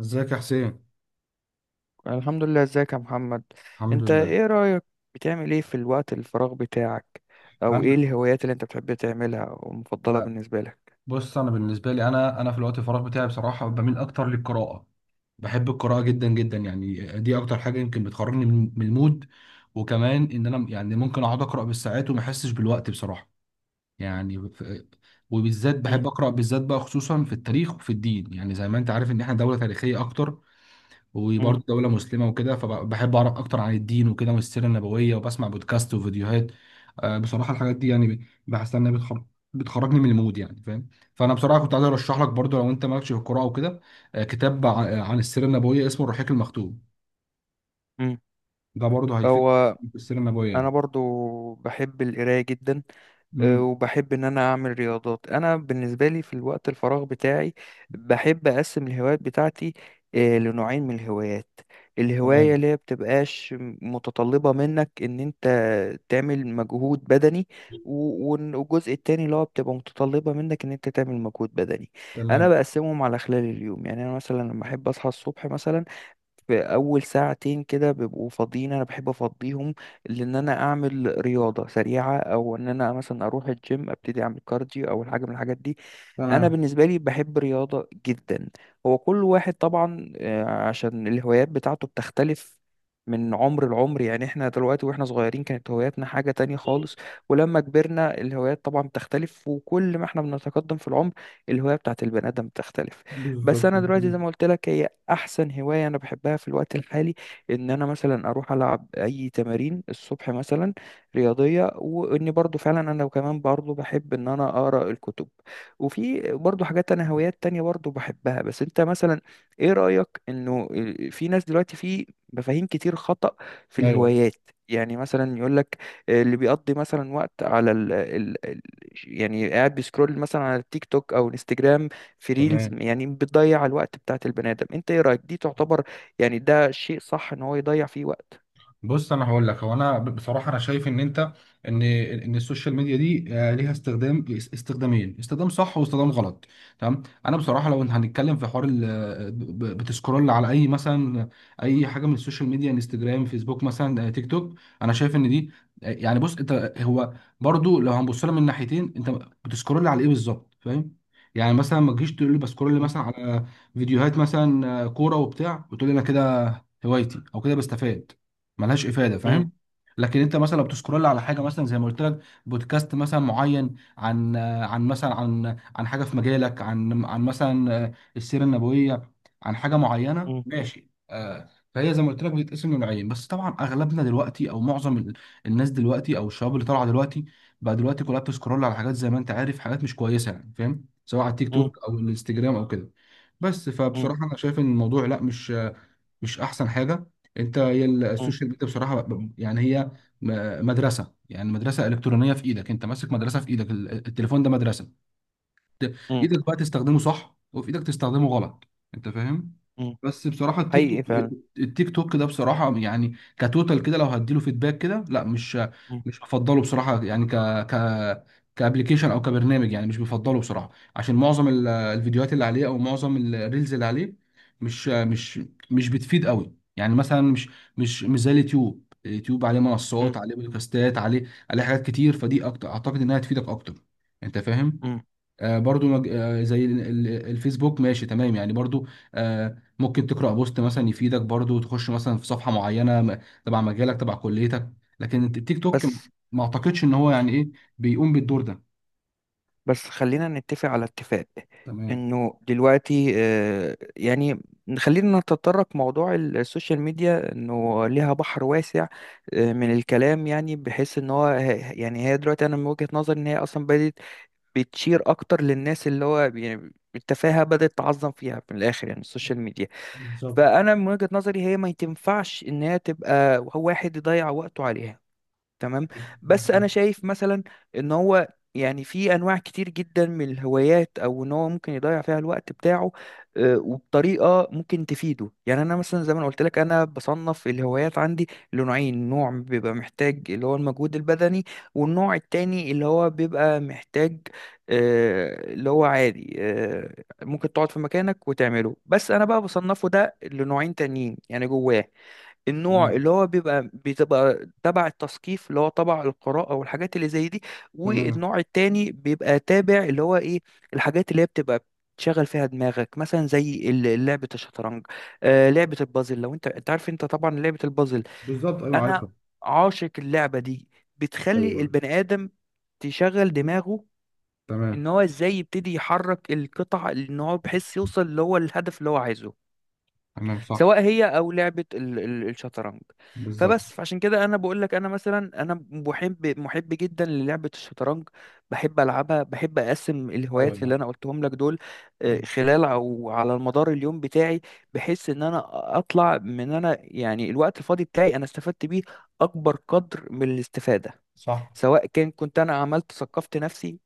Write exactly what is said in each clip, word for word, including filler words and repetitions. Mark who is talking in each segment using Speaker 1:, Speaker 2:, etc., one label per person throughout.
Speaker 1: ازيك يا حسين؟
Speaker 2: الحمد لله، ازيك يا محمد؟
Speaker 1: الحمد
Speaker 2: انت
Speaker 1: لله.
Speaker 2: ايه رأيك، بتعمل ايه في الوقت الفراغ بتاعك؟ او ايه
Speaker 1: انا
Speaker 2: الهوايات اللي انت بتحب تعملها ومفضلة
Speaker 1: آه،
Speaker 2: بالنسبة لك؟
Speaker 1: بص، انا بالنسبه لي، انا انا في الوقت الفراغ بتاعي بصراحه بميل اكتر للقراءه. بحب القراءه جدا جدا يعني. دي اكتر حاجه يمكن بتخرجني من من المود. وكمان ان انا يعني ممكن اقعد اقرا بالساعات وما احسش بالوقت بصراحه يعني. ف- وبالذات
Speaker 2: مم،
Speaker 1: بحب اقرا بالذات بقى، خصوصا في التاريخ وفي الدين، يعني زي ما انت عارف ان احنا دوله تاريخيه اكتر،
Speaker 2: مم،
Speaker 1: وبرضه دولة مسلمة وكده، فبحب أعرف أكتر عن الدين وكده والسيرة النبوية، وبسمع بودكاست وفيديوهات. آه، بصراحة الحاجات دي يعني بحس إنها بتخر... بتخرجني من المود، يعني فاهم. فأنا بصراحة كنت عايز أرشح لك برضه، لو أنت مالكش في القراءة وكده، آه، كتاب ع- عن السيرة النبوية اسمه الرحيق المختوم.
Speaker 2: مم.
Speaker 1: ده برضه هيفيدك
Speaker 2: هو
Speaker 1: في السيرة النبوية
Speaker 2: انا
Speaker 1: يعني.
Speaker 2: برضو بحب القراية جدا، آه،
Speaker 1: امم
Speaker 2: وبحب ان انا اعمل رياضات. انا بالنسبه لي في الوقت الفراغ بتاعي بحب اقسم الهوايات بتاعتي آه، لنوعين من الهوايات. الهوايه
Speaker 1: تمام.
Speaker 2: اللي هي بتبقاش متطلبه منك ان انت تعمل مجهود بدني، و- ون- والجزء التاني اللي هو بتبقى متطلبه منك ان انت تعمل مجهود بدني. انا
Speaker 1: تمام.
Speaker 2: بقسمهم على خلال اليوم، يعني انا مثلا لما احب اصحى الصبح مثلا، في اول ساعتين كده بيبقوا فاضيين انا بحب افضيهم، لان انا اعمل رياضه سريعه، او ان انا مثلا اروح الجيم ابتدي اعمل كارديو او حاجه من الحاجات دي. انا
Speaker 1: تمام.
Speaker 2: بالنسبه لي بحب رياضه جدا. هو كل واحد طبعا آه، عشان الهوايات بتاعته بتختلف من عمر لعمر، يعني احنا دلوقتي واحنا صغيرين كانت هواياتنا حاجة تانية خالص، ولما كبرنا الهوايات طبعا بتختلف، وكل ما احنا بنتقدم في العمر الهواية بتاعت البني آدم بتختلف. بس
Speaker 1: بالظبط.
Speaker 2: انا دلوقتي زي ما قلت لك، هي احسن هوايه انا بحبها في الوقت الحالي، ان انا مثلا اروح العب اي تمارين الصبح مثلا رياضيه، واني برضو فعلا انا كمان برضو بحب ان انا اقرا الكتب. وفي برضو حاجات انا هوايات تانية برضو بحبها. بس انت مثلا ايه رايك انه في ناس دلوقتي في مفاهيم كتير خطأ في
Speaker 1: ايوه.
Speaker 2: الهوايات؟ يعني مثلا يقول لك، اللي بيقضي مثلا وقت على ال ال ال- يعني قاعد بيسكرول مثلا على التيك توك او انستجرام في ريلز،
Speaker 1: تمام.
Speaker 2: يعني بتضيع الوقت بتاعت البني آدم. انت ايه رأيك، دي تعتبر يعني ده شيء صح ان هو يضيع فيه وقت؟
Speaker 1: بص، انا هقول لك، هو انا ب- بصراحه انا شايف ان انت، ان ان السوشيال ميديا دي، آه، ليها استخدام، است- استخدامين، استخدام صح واستخدام غلط. تمام. انا بصراحه لو هنتكلم في حوار، ال- ب- ب- بتسكرول على اي مثلا، اي حاجه من السوشيال ميديا، انستجرام، فيسبوك مثلا، آه، تيك توك. انا شايف ان دي، آه، يعني بص، انت هو برضو لو هنبص لها من ناحيتين، انت بتسكرول على ايه بالظبط، فاهم؟ يعني مثلا ما تجيش تقول لي بسكرول
Speaker 2: مم.
Speaker 1: مثلا على فيديوهات مثلا آه، كوره وبتاع، وتقول لي انا كده هوايتي او كده بستفاد. ملهاش افاده،
Speaker 2: مم.
Speaker 1: فاهم؟ لكن انت مثلا لو بتسكرول على حاجه، مثلا زي ما قلت لك، بودكاست مثلا معين، عن عن مثلا، عن عن حاجه في مجالك، عن عن مثلا السيره النبويه، عن حاجه معينه،
Speaker 2: مم.
Speaker 1: ماشي، آه، فهي زي ما قلت لك بتتقسم لنوعين. بس طبعا اغلبنا دلوقتي، او معظم ال- الناس دلوقتي، او الشباب اللي طالعه دلوقتي بقى دلوقتي، كلها بتسكرول على حاجات زي ما انت عارف، حاجات مش كويسه، يعني فاهم، سواء على التيك
Speaker 2: مم.
Speaker 1: توك او الانستجرام او كده. بس
Speaker 2: مم.
Speaker 1: فبصراحه انا شايف ان الموضوع، لا، مش مش احسن حاجه. انت، هي
Speaker 2: مم.
Speaker 1: السوشيال ميديا بصراحه ب- يعني هي م- مدرسه، يعني مدرسه الكترونيه في ايدك، انت ماسك مدرسه في ايدك، ال- التليفون ده مدرسه. ت-
Speaker 2: مم.
Speaker 1: ايدك بقى تستخدمه صح، وفي ايدك تستخدمه غلط، انت فاهم.
Speaker 2: مم.
Speaker 1: بس بصراحة التيك
Speaker 2: حقيقي
Speaker 1: توك،
Speaker 2: فعلا.
Speaker 1: التيك توك ده بصراحة يعني كتوتال كده، لو هديله فيدباك كده، لا، مش
Speaker 2: مم.
Speaker 1: مش هفضله بصراحة، يعني ك، ك، كابلكيشن او كبرنامج، يعني مش بفضله بصراحة. عشان معظم ال- الفيديوهات اللي عليه، او معظم الريلز اللي عليه، مش مش مش بتفيد قوي، يعني مثلا مش مش مش زي اليوتيوب اليوتيوب عليه منصات،
Speaker 2: مم.
Speaker 1: عليه بودكاستات، عليه عليه حاجات كتير، فدي اكتر اعتقد انها تفيدك اكتر، انت فاهم.
Speaker 2: مم.
Speaker 1: آه، برضو مج... آه، زي ال- ال- الفيسبوك، ماشي تمام يعني برضو آه، ممكن تقرأ بوست مثلا يفيدك، برضو تخش مثلا في صفحة معينة م- تبع مجالك، تبع كليتك. لكن الت- التيك توك، م-
Speaker 2: بس
Speaker 1: ما اعتقدش ان هو يعني ايه بيقوم بالدور ده.
Speaker 2: بس خلينا نتفق على اتفاق،
Speaker 1: تمام.
Speaker 2: انه دلوقتي آه، يعني خلينا نتطرق موضوع السوشيال ميديا انه ليها بحر واسع آه، من الكلام، يعني بحيث ان هو يعني هي دلوقتي انا من وجهة نظري ان هي اصلا بدأت بتشير اكتر للناس اللي هو يعني التفاهة بدأت تعظم فيها من الاخر، يعني السوشيال ميديا.
Speaker 1: بالظبط.
Speaker 2: فانا من وجهة نظري هي ما تنفعش ان هي تبقى هو واحد يضيع وقته عليها، تمام. بس
Speaker 1: مظبوط.
Speaker 2: انا شايف مثلا ان هو يعني في انواع كتير جدا من الهوايات او ان هو ممكن يضيع فيها الوقت بتاعه، آه، وبطريقه ممكن تفيده، يعني انا مثلا زي ما أنا قلت لك انا بصنف الهوايات عندي لنوعين، نوع بيبقى محتاج اللي هو المجهود البدني، والنوع التاني اللي هو بيبقى محتاج آه، اللي هو عادي، آه، ممكن تقعد في مكانك وتعمله. بس انا بقى بصنفه ده لنوعين تانيين يعني جواه، النوع
Speaker 1: تمام.
Speaker 2: اللي هو بيبقى بتبقى تبع التثقيف اللي هو تبع القراءة والحاجات اللي زي دي.
Speaker 1: تمام.
Speaker 2: والنوع التاني بيبقى تابع اللي هو ايه، الحاجات اللي هي بتبقى تشغل فيها دماغك، مثلا زي ال- لعبة الشطرنج، آه لعبة البازل، لو انت انت عارف انت طبعا لعبة البازل،
Speaker 1: بالظبط. ايوه
Speaker 2: انا
Speaker 1: عارفها.
Speaker 2: عاشق اللعبة دي. بتخلي
Speaker 1: ايوه.
Speaker 2: البني آدم تشغل دماغه،
Speaker 1: تمام.
Speaker 2: ان هو ازاي يبتدي يحرك القطع، ان هو بحيث يوصل اللي هو الهدف اللي هو عايزه،
Speaker 1: تمام صح.
Speaker 2: سواء هي او لعبه ال- ال- الشطرنج.
Speaker 1: بالظبط.
Speaker 2: فبس فعشان كده انا بقول لك، انا مثلا انا محب محب جدا للعبه الشطرنج، بحب العبها، بحب اقسم
Speaker 1: ايوه.
Speaker 2: الهوايات اللي
Speaker 1: لا.
Speaker 2: انا قلتهم لك دول، آه،
Speaker 1: تمام
Speaker 2: خلال او على المدار اليوم بتاعي. بحيث ان انا اطلع من انا يعني الوقت الفاضي بتاعي، انا استفدت بيه اكبر قدر من الاستفاده،
Speaker 1: صح.
Speaker 2: سواء كان كنت انا عملت ثقفت نفسي،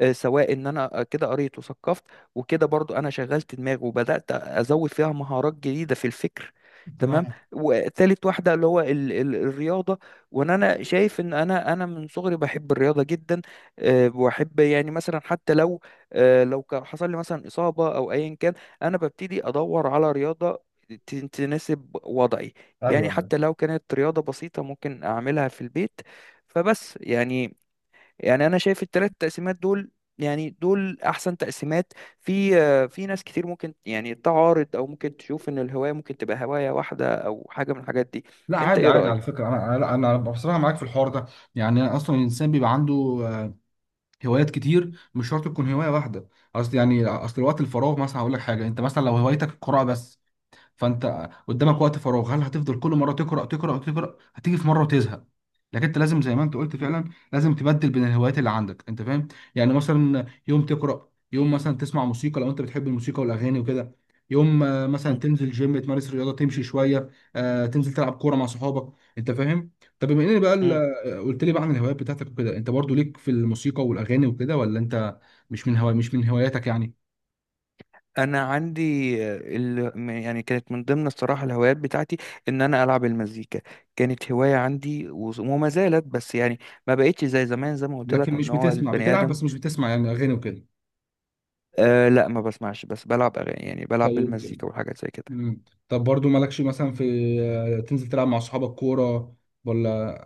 Speaker 2: آه، سواء ان انا آه، كده قريت وثقفت، وكده برضو انا شغلت دماغي وبدات ازود فيها مهارات جديده في الفكر. تمام،
Speaker 1: تمام.
Speaker 2: وتالت واحده اللي هو ال ال الرياضه. وان انا شايف ان انا انا من صغري بحب الرياضه جدا. آه، واحب يعني مثلا حتى لو آه، لو كان حصل لي مثلا اصابه او ايا كان، انا ببتدي ادور على رياضه ت- تناسب وضعي.
Speaker 1: ايوه.
Speaker 2: يعني
Speaker 1: أيوة.
Speaker 2: حتى لو كانت رياضه بسيطه ممكن اعملها في البيت. فبس يعني يعني انا شايف الثلاث تقسيمات دول، يعني دول احسن تقسيمات. في آه، في ناس كتير ممكن يعني تعارض، او ممكن تشوف ان الهواية ممكن تبقى هواية واحدة او حاجة من الحاجات دي.
Speaker 1: لا،
Speaker 2: انت
Speaker 1: عادي
Speaker 2: ايه
Speaker 1: عادي، على
Speaker 2: رأيك؟
Speaker 1: فكره، انا انا أنا بصراحه معاك في الحوار ده. يعني أنا اصلا الانسان بيبقى عنده آه، هوايات كتير، مش شرط تكون هوايه واحده. اصل يعني، اصل وقت الفراغ مثلا، هقول لك حاجه، انت مثلا لو هوايتك القراءه بس، فانت قدامك وقت فراغ، هل هتفضل كل مره تقرا تقرا تقرا؟ هتيجي في مره وتزهق. لكن انت لازم زي ما انت قلت
Speaker 2: مم.
Speaker 1: فعلا، لازم تبدل بين الهوايات اللي عندك، انت فاهم. يعني مثلا يوم تقرا، يوم مثلا تسمع موسيقى لو انت بتحب الموسيقى والاغاني وكده، يوم آه، مثلا
Speaker 2: مم.
Speaker 1: تنزل جيم تمارس رياضه تمشي شويه، آه، تنزل تلعب كوره مع صحابك، انت فاهم. طب بما ان بقى ال-
Speaker 2: مم.
Speaker 1: آه، قلت لي بقى عن الهوايات بتاعتك وكده، انت برضو ليك في الموسيقى والاغاني وكده، ولا انت مش من هوا مش من هواياتك يعني؟
Speaker 2: انا عندي آه، ال... م- يعني كانت من ضمن الصراحه الهوايات بتاعتي ان انا العب المزيكا، كانت هوايه عندي و... وما زالت. بس يعني ما بقتش زي زمان، زي ما قلت
Speaker 1: لكن
Speaker 2: لك
Speaker 1: مش
Speaker 2: ان هو
Speaker 1: بتسمع،
Speaker 2: البني
Speaker 1: بتلعب
Speaker 2: ادم.
Speaker 1: بس مش بتسمع يعني اغاني وكده.
Speaker 2: آه لا، ما بسمعش بس بلعب اغاني، يعني بلعب
Speaker 1: طيب.
Speaker 2: بالمزيكا وحاجات زي كده.
Speaker 1: مم. طب برضو مالكش مثلا في آه، تنزل تلعب مع صحابك كورة، ولا؟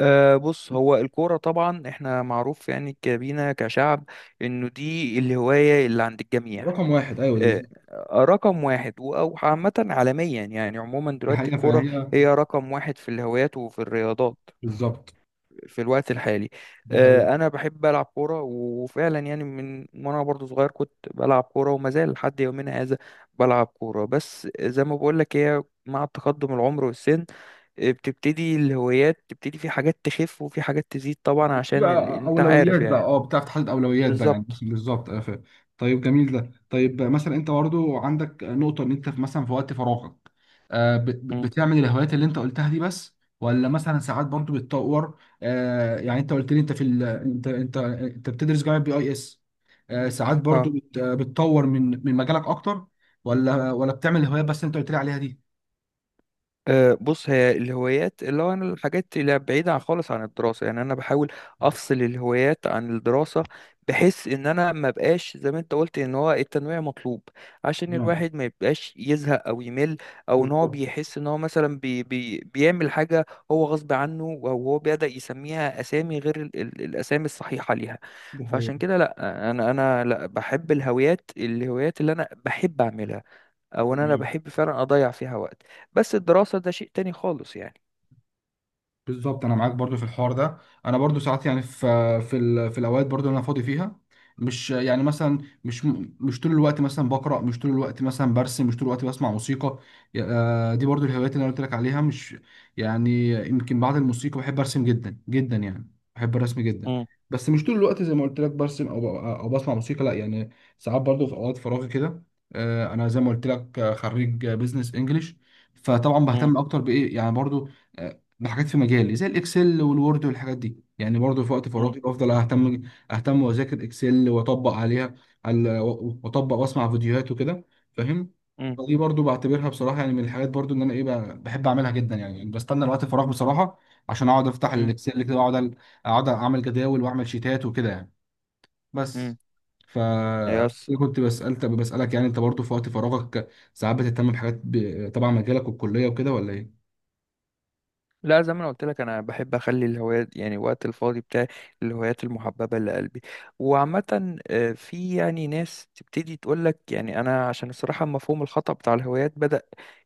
Speaker 2: أه، بص هو الكورة طبعا احنا معروف يعني كبينا كشعب انه دي الهواية اللي عند الجميع.
Speaker 1: رقم واحد، ايوه،
Speaker 2: أه،
Speaker 1: بالظبط.
Speaker 2: آه، رقم واحد، و- او عامة عالميا يعني عموما
Speaker 1: دي
Speaker 2: دلوقتي
Speaker 1: حقيقة،
Speaker 2: الكورة
Speaker 1: فهي
Speaker 2: هي رقم واحد في الهوايات وفي الرياضات
Speaker 1: بالظبط.
Speaker 2: في الوقت الحالي.
Speaker 1: دي حقيقة.
Speaker 2: آه، انا بحب العب كوره، وفعلا يعني من وانا برضو صغير كنت بلعب كوره وما زال لحد يومنا هذا بلعب كوره. بس زي ما بقول لك هي مع تقدم العمر والسن، آه، بتبتدي الهوايات تبتدي في حاجات تخف وفي حاجات تزيد، طبعا
Speaker 1: يبقى
Speaker 2: عشان ال... انت عارف
Speaker 1: اولويات بقى،
Speaker 2: يعني.
Speaker 1: اه، بتعرف تحدد اولويات بقى، يعني
Speaker 2: بالظبط.
Speaker 1: مش بالظبط، آه، ف- طيب جميل ده. طيب، آه، مثلا انت برضو عندك نقطه، ان انت في- مثلا في وقت فراغك، آه، ب- ب-
Speaker 2: مم.
Speaker 1: بتعمل الهوايات اللي انت قلتها دي بس، ولا مثلا ساعات برضو بتطور؟ آه، يعني انت قلت لي انت في ال... انت انت انت بتدرس جامعه بي اي اس، آه، ساعات برضو
Speaker 2: اه،
Speaker 1: بت... آه، بتطور من من مجالك اكتر؟ ولا ولا بتعمل الهوايات بس اللي انت قلت لي عليها دي؟
Speaker 2: أه، بص هي الهوايات اللي هو انا الحاجات اللي بعيدة عن- خالص عن الدراسة، يعني انا بحاول افصل الهوايات عن الدراسة. بحيث ان انا ما بقاش زي ما انت قلت ان هو التنويع مطلوب، عشان
Speaker 1: نعم.
Speaker 2: الواحد ما يبقاش يزهق او يمل، او ان هو
Speaker 1: بالظبط.
Speaker 2: بيحس ان هو مثلا بي بي بيعمل حاجة هو غصب عنه، او هو بدأ يسميها اسامي غير ال ال الاسامي الصحيحة ليها.
Speaker 1: ده حقيقي.
Speaker 2: فعشان كده لا، انا انا لا بحب الهوايات الهوايات اللي انا بحب اعملها، او ان انا
Speaker 1: تمام.
Speaker 2: بحب فعلا اضيع فيها وقت. بس الدراسة ده شيء تاني خالص يعني.
Speaker 1: بالظبط، انا معاك برضو في الحوار ده. انا برضو ساعات يعني في في ال- في الاوقات برضو اللي انا فاضي فيها، مش يعني مثلا، مش مش طول الوقت مثلا بقرا، مش طول الوقت مثلا برسم، مش طول الوقت بسمع موسيقى. آه، دي برضو الهوايات اللي انا قلت لك عليها، مش يعني، يمكن بعد الموسيقى بحب ارسم جدا جدا، يعني بحب الرسم جدا،
Speaker 2: مم،
Speaker 1: بس مش طول الوقت زي ما قلت لك برسم، او ب- او بسمع موسيقى، لا يعني. ساعات برضو في اوقات فراغي كده، آه، انا زي ما قلت لك آه، خريج بزنس انجلش، فطبعا
Speaker 2: مم،
Speaker 1: بهتم اكتر بايه، يعني برضو بحاجات في مجالي زي الاكسل والوورد والحاجات دي، يعني برضه في وقت
Speaker 2: مم،
Speaker 1: فراغي بفضل اهتم اهتم واذاكر اكسل واطبق عليها، على- واطبق واسمع فيديوهات وكده، فاهم.
Speaker 2: مم،
Speaker 1: فدي برضه بعتبرها بصراحه يعني من الحاجات، برضه ان انا ايه، ب- بحب اعملها جدا يعني، يعني بستنى الوقت الفراغ بصراحه عشان اقعد افتح
Speaker 2: مم،
Speaker 1: الاكسل كده، واقعد أل- اقعد اعمل جداول واعمل شيتات وكده يعني. بس
Speaker 2: مم.
Speaker 1: ف،
Speaker 2: هي
Speaker 1: كنت بسالت بسالك يعني، انت برضه في وقت فراغك ساعات بتهتم بحاجات ب- تبع مجالك والكليه وكده، ولا ايه؟
Speaker 2: لا، زي ما انا قلت لك انا بحب اخلي الهوايات يعني وقت الفاضي بتاعي الهوايات المحببه لقلبي، وعامه. آه، في يعني ناس تبتدي تقول لك يعني انا عشان الصراحه مفهوم الخطا بتاع الهوايات بدا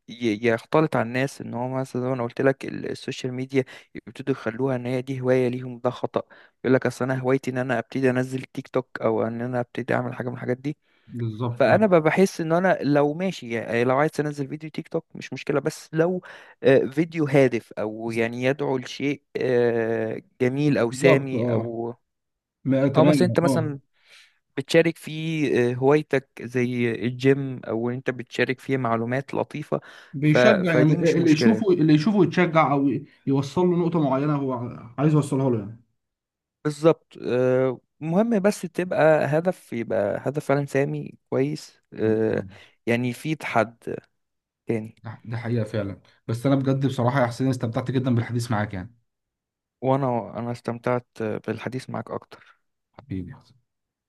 Speaker 2: ي- يختلط على الناس، ان هو مثلا زي ما انا قلت لك ال- السوشيال ميديا يبتدوا يخلوها ان هي دي هوايه ليهم، ده خطا. يقول لك اصل انا هوايتي ان انا ابتدي انزل تيك توك، او ان انا ابتدي اعمل حاجه من الحاجات دي.
Speaker 1: بالظبط.
Speaker 2: فانا ب- بحس ان انا لو ماشي يعني لو عايز انزل فيديو تيك توك مش مشكله، بس لو آه، فيديو هادف او يعني يدعو لشيء آه، جميل او
Speaker 1: بالظبط
Speaker 2: سامي،
Speaker 1: اه.
Speaker 2: او
Speaker 1: ما
Speaker 2: او مثلا
Speaker 1: اتمنى
Speaker 2: انت
Speaker 1: اه.
Speaker 2: مثلا بتشارك فيه آه، هوايتك زي الجيم، او انت بتشارك فيه معلومات لطيفه. ف...
Speaker 1: بيشجع يعني
Speaker 2: فدي مش
Speaker 1: اللي يشوفه،
Speaker 2: مشكله.
Speaker 1: اللي يشوفه يتشجع او يوصل له نقطة معينة هو عايز يوصلها له يعني.
Speaker 2: بالظبط، آه، مهم بس تبقى هدف، يبقى هدف فعلا سامي كويس. آه،
Speaker 1: بالظبط.
Speaker 2: يعني في تحد تاني.
Speaker 1: ده ده حقيقة فعلا. بس انا بجد بصراحة يا حسين استمتعت جدا بالحديث معاك يعني.
Speaker 2: وانا انا استمتعت بالحديث معك اكتر.
Speaker 1: حبيبي.